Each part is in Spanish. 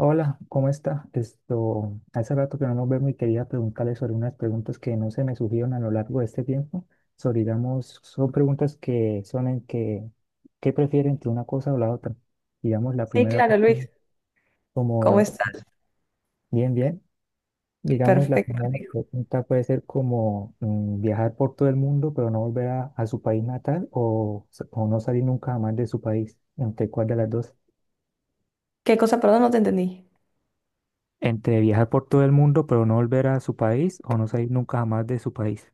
Hola, ¿cómo está? Esto, hace rato que no nos vemos y quería preguntarle sobre unas preguntas que no se me surgieron a lo largo de este tiempo. Sobre, digamos, son preguntas que son en que, ¿qué prefieren entre una cosa o la otra? Digamos, la Sí, primera, claro, pues, Luis. sí, ¿Cómo- como, bien, bien. Digamos, la primera pregunta puede ser como viajar por todo el mundo, pero no volver a su país natal o no salir nunca jamás de su país. ¿Entre cuál de las dos? ¿Qué cosa? Perdón, no te entendí. Entre viajar por todo el mundo pero no volver a su país o no salir nunca jamás de su país.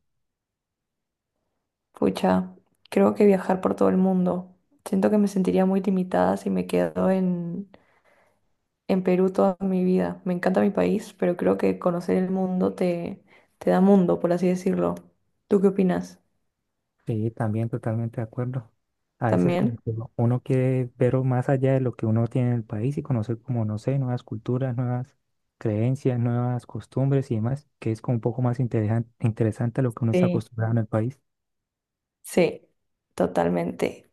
Pucha, creo que viajar por todo el mundo. Siento que me sentiría muy limitada si me quedo en Perú toda mi vida. Me encanta mi país, pero creo que conocer el mundo te, te da mundo, por así decirlo. ¿Tú qué opinas? Sí, también totalmente de acuerdo. A veces como ¿También? que uno quiere ver o más allá de lo que uno tiene en el país y conocer como, no sé, nuevas culturas, nuevas creencias, nuevas costumbres y demás, que es como un poco más interesante a lo que uno está Sí. acostumbrado en el país. Sí, totalmente.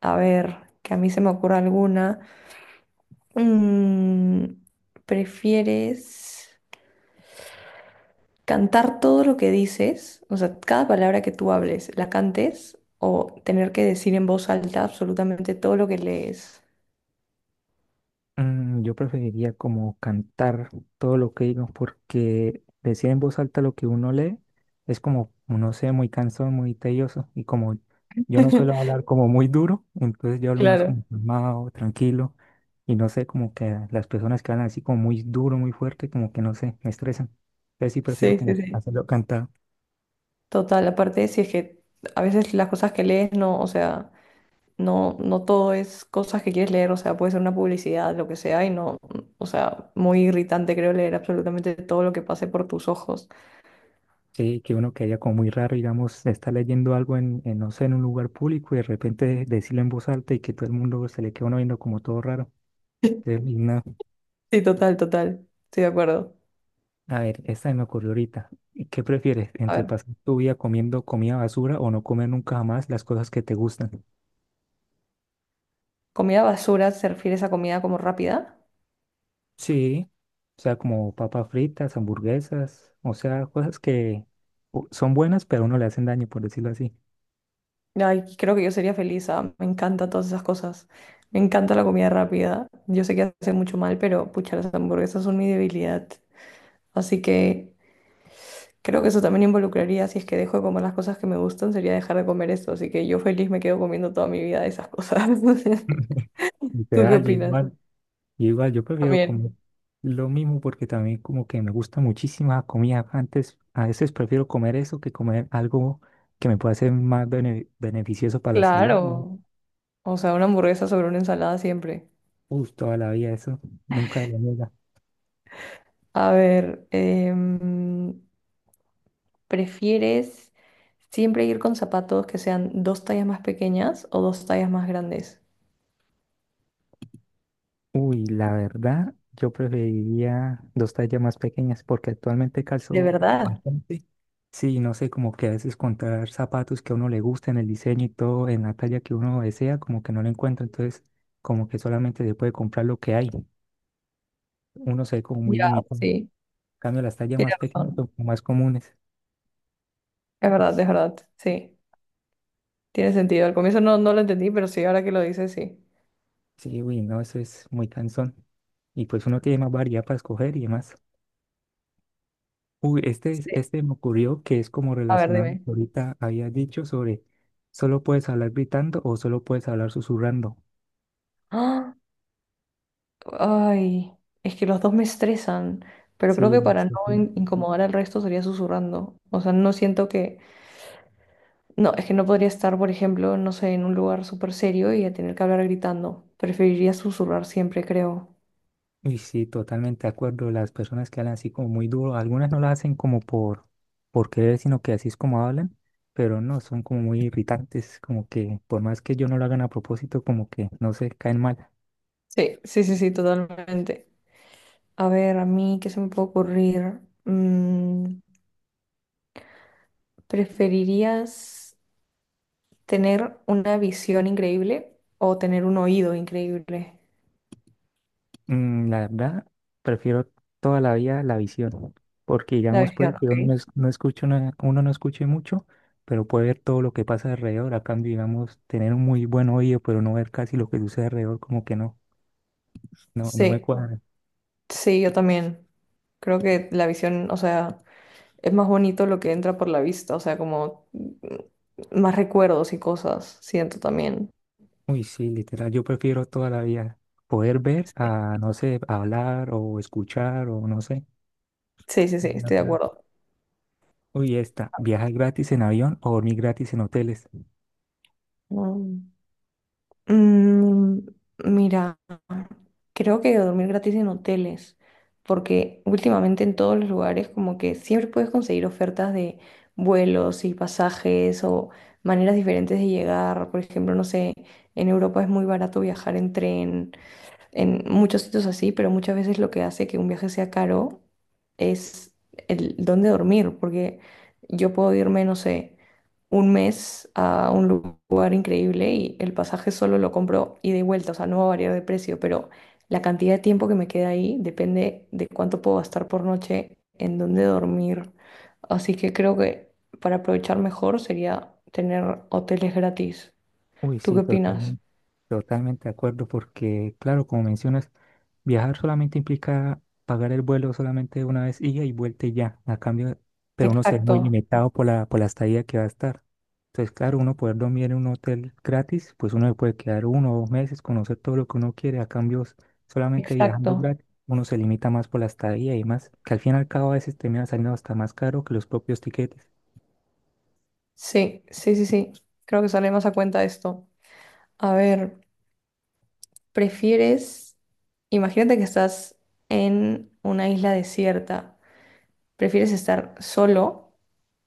A ver, que a mí se me ocurra alguna. Mm, ¿prefieres cantar todo lo que dices? O sea, cada palabra que tú hables, la cantes, o tener que decir en voz alta absolutamente todo lo que lees. Yo preferiría como cantar todo lo que digo, porque decir en voz alta lo que uno lee es como, no sé, muy cansón, muy tedioso. Y como yo no suelo hablar como muy duro, entonces yo hablo más Claro. como calmado, tranquilo. Y no sé, como que las personas que hablan así como muy duro, muy fuerte, como que no sé, me estresan. Entonces sí prefiero Sí, sí, como sí. hacerlo cantado. Total. Aparte, si es que a veces las cosas que lees no, o sea, no, no todo es cosas que quieres leer, o sea, puede ser una publicidad, lo que sea, y no, o sea, muy irritante creo leer absolutamente todo lo que pase por tus ojos. Sí, que uno que haya como muy raro, digamos, está leyendo algo en, no sé, en un lugar público y de repente decirlo en voz alta y que todo el mundo se le queda uno viendo como todo raro. Qué linda. Sí, total, total. Estoy de acuerdo. A ver, esta se me ocurrió ahorita. ¿Y qué prefieres? A ¿Entre ver, pasar tu vida comiendo comida basura o no comer nunca jamás las cosas que te gustan? comida basura, ¿se refiere a esa comida como rápida? Sí, o sea, como papas fritas, hamburguesas, o sea, cosas que son buenas, pero a uno le hacen daño, por decirlo así. Ay, creo que yo sería feliz. Ah, me encantan todas esas cosas. Me encanta la comida rápida. Yo sé que hace mucho mal, pero pucha, las hamburguesas son mi debilidad. Así que creo que eso también involucraría, si es que dejo de comer las cosas que me gustan, sería dejar de comer esto. Así que yo feliz me quedo comiendo toda mi vida esas cosas. ¿Tú qué Literal, yo opinas? igual, yo igual, yo prefiero También. comer lo mismo porque también como que me gusta muchísima comida. Antes, a veces prefiero comer eso que comer algo que me pueda ser más beneficioso para la salud. Claro. O sea, una hamburguesa sobre una ensalada siempre. Uy, toda la vida eso, nunca de la niega. A ver, ¿prefieres siempre ir con zapatos que sean dos tallas más pequeñas o dos tallas más grandes? Uy, la verdad, yo preferiría dos tallas más pequeñas porque actualmente ¿De calzo verdad? bastante. Sí, no sé, como que a veces encontrar zapatos que a uno le gusten, el diseño y todo, en la talla que uno desea, como que no lo encuentra, entonces como que solamente se puede comprar lo que hay. Uno se ve como muy Ya, limitado. En sí, cambio, las tallas tienes más pequeñas razón. son como más comunes. Es verdad, es verdad. Sí, tiene sentido. Al comienzo no, no lo entendí, pero sí, ahora que lo dices, sí. Sí, uy, no, eso es muy cansón. Y pues uno tiene más variedad para escoger y demás. Uy, este, Sí. este me ocurrió que es como A ver, relacionado a lo dime. que ahorita había dicho sobre solo puedes hablar gritando o solo puedes hablar susurrando. ¡Ah! Ay, es que los dos me estresan, pero creo Sí, que para no ujú. Incomodar al resto sería susurrando. O sea, no siento que... No, es que no podría estar, por ejemplo, no sé, en un lugar súper serio y a tener que hablar gritando. Preferiría susurrar siempre, creo. Y sí, totalmente de acuerdo. Las personas que hablan así como muy duro, algunas no lo hacen como por querer, sino que así es como hablan, pero no, son como muy irritantes, como que por más que yo no lo hagan a propósito, como que no se caen mal. Sí, sí, sí, sí, totalmente. A ver, a mí, ¿qué se me puede ocurrir? Mm, ¿Preferirías tener una visión increíble o tener un oído increíble? La verdad, prefiero toda la vida la visión, porque La digamos, pues, visión, yo ok. no, no escucho uno no escuche mucho, pero puede ver todo lo que pasa alrededor. A cambio, digamos, tener un muy buen oído, pero no ver casi lo que sucede alrededor, como que no, no, no me Sí, cuadra. sí, yo también. Creo que la visión, o sea, es más bonito lo que entra por la vista, o sea, como más recuerdos y cosas, siento también. Uy, sí, literal, yo prefiero toda la vida poder ver Sí, a, no sé, hablar o escuchar o no sé. sí, sí, sí, De estoy de acuerdo. acuerdo. Uy, esta, viajar gratis en avión o dormir gratis en hoteles. Mm. Mm, mira, creo que dormir gratis en hoteles, porque últimamente en todos los lugares como que siempre puedes conseguir ofertas de vuelos y pasajes o maneras diferentes de llegar. Por ejemplo, no sé, en Europa es muy barato viajar en tren en muchos sitios así, pero muchas veces lo que hace que un viaje sea caro es el dónde dormir, porque yo puedo irme, no sé, un mes a un lugar increíble y el pasaje solo lo compro ida y vuelta, o sea, no va a variar de precio, pero la cantidad de tiempo que me queda ahí depende de cuánto puedo gastar por noche en dónde dormir. Así que creo que para aprovechar mejor sería tener hoteles gratis. Uy, ¿Tú qué sí, opinas? total. Totalmente de acuerdo, porque claro, como mencionas, viajar solamente implica pagar el vuelo solamente una vez ida y vuelta y ya. A cambio, pero uno se ve Exacto, muy limitado por la estadía que va a estar. Entonces, claro, uno poder dormir en un hotel gratis, pues uno se puede quedar uno o dos meses, conocer todo lo que uno quiere. A cambio, solamente viajando exacto. gratis, uno se limita más por la estadía y más, que al fin y al cabo a veces termina saliendo hasta más caro que los propios tiquetes. Sí, sí, sí, sí. Creo que sale más a cuenta esto. A ver, ¿prefieres, imagínate que estás en una isla desierta, ¿prefieres estar solo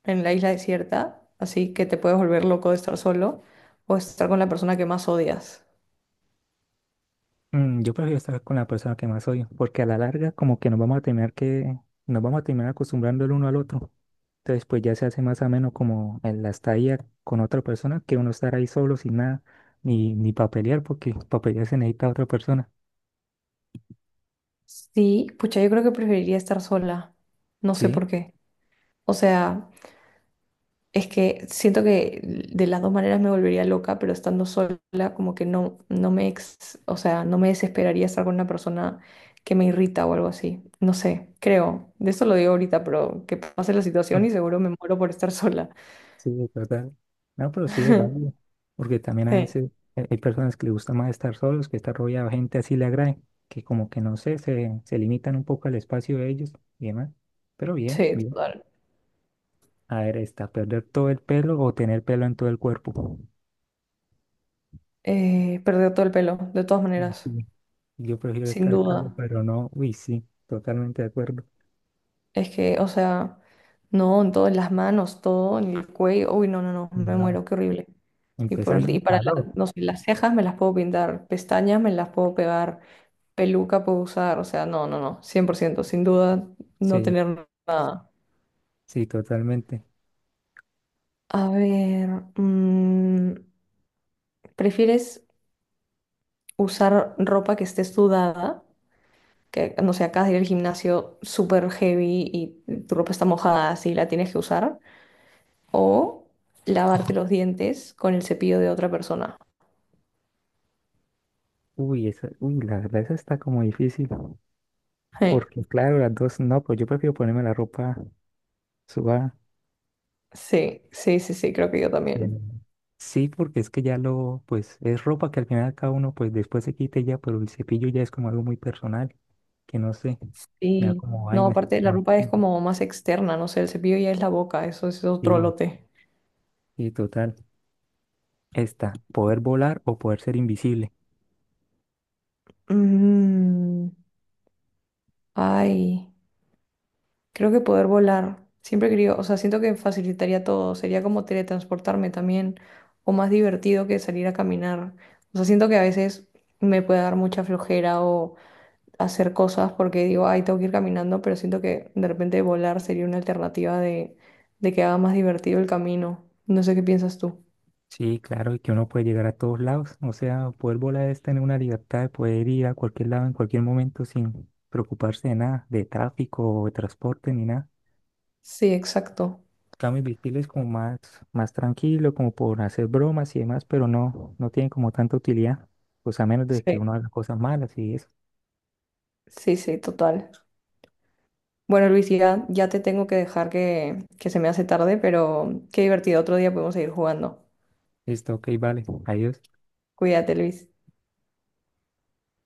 en la isla desierta, así que te puedes volver loco de estar solo, o estar con la persona que más odias? Yo prefiero estar con la persona que más odio, porque a la larga como que nos vamos a terminar que nos vamos a terminar acostumbrando el uno al otro. Entonces pues ya se hace más ameno como en la estadía con otra persona que uno estar ahí solo sin nada, ni para pelear, porque para pelear se necesita otra persona. Sí, pucha, yo creo que preferiría estar sola. No sé Sí, por qué. O sea, es que siento que de las dos maneras me volvería loca, pero estando sola como que no, no me o sea, no me desesperaría estar con una persona que me irrita o algo así. No sé, creo. De eso lo digo ahorita, pero que pase la situación mm, y seguro me muero por estar sola. sí, es verdad. No, pero sí es válido, porque también a Sí, veces hay personas que les gusta más estar solos, que estar rodeado de gente así le agrade, que como que no sé, se limitan un poco al espacio de ellos y demás. Pero bien, sí, bien. total. A ver, está, perder todo el pelo o tener pelo en todo el cuerpo. Perder todo el pelo, de todas Uy, maneras, sí, yo prefiero sin estar duda. calvo, pero no, uy, sí, totalmente de acuerdo. Es que, o sea, no, en todas las manos, todo, en el cuello. Uy, no, no, no, me No. muero, qué horrible. Y, por, Empezando el y para calor. No sé, las cejas me las puedo pintar, pestañas me las puedo pegar, peluca puedo usar, o sea, no, no, no, 100% sin duda no Sí, tener nada. sí, totalmente. A ver, mm, ¿prefieres usar ropa que esté sudada? Que, no sé, acabas de ir al gimnasio súper heavy y tu ropa está mojada, así la tienes que usar. O lavarte los dientes con el cepillo de otra persona. Uy, esa, uy, la verdad, esa está como difícil. Sí, Porque, claro, las dos, no, pues yo prefiero ponerme la ropa sudada. sí, sí, sí, sí, creo que yo Pero- también. Sí, porque es que ya lo, pues, es ropa que al final cada uno, pues, después se quite ya, pero el cepillo ya es como algo muy personal, que no sé, me da Sí. como No, vaina. aparte la ropa es como más externa, no sé, el cepillo ya es la boca, eso es otro Sí, lote. y total, está, poder volar o poder ser invisible. Mm, ay, creo que poder volar. Siempre he querido, o sea, siento que facilitaría todo, sería como teletransportarme también, o más divertido que salir a caminar. O sea, siento que a veces me puede dar mucha flojera o hacer cosas porque digo, ay, tengo que ir caminando, pero siento que de repente volar sería una alternativa de que haga más divertido el camino. No sé qué piensas tú. Sí, claro, y que uno puede llegar a todos lados. O sea, poder volar es tener una libertad de poder ir a cualquier lado en cualquier momento sin preocuparse de nada, de tráfico o de transporte ni nada. Sí, exacto. Cambio invisible es como más tranquilo, como por hacer bromas y demás, pero no, no tiene como tanta utilidad, pues a menos de que Sí, uno haga cosas malas y eso. sí, sí, total. Bueno, Luis, ya, ya te tengo que dejar que se me hace tarde, pero qué divertido. Otro día podemos seguir jugando. Listo, ok, vale, adiós. Cuídate, Luis.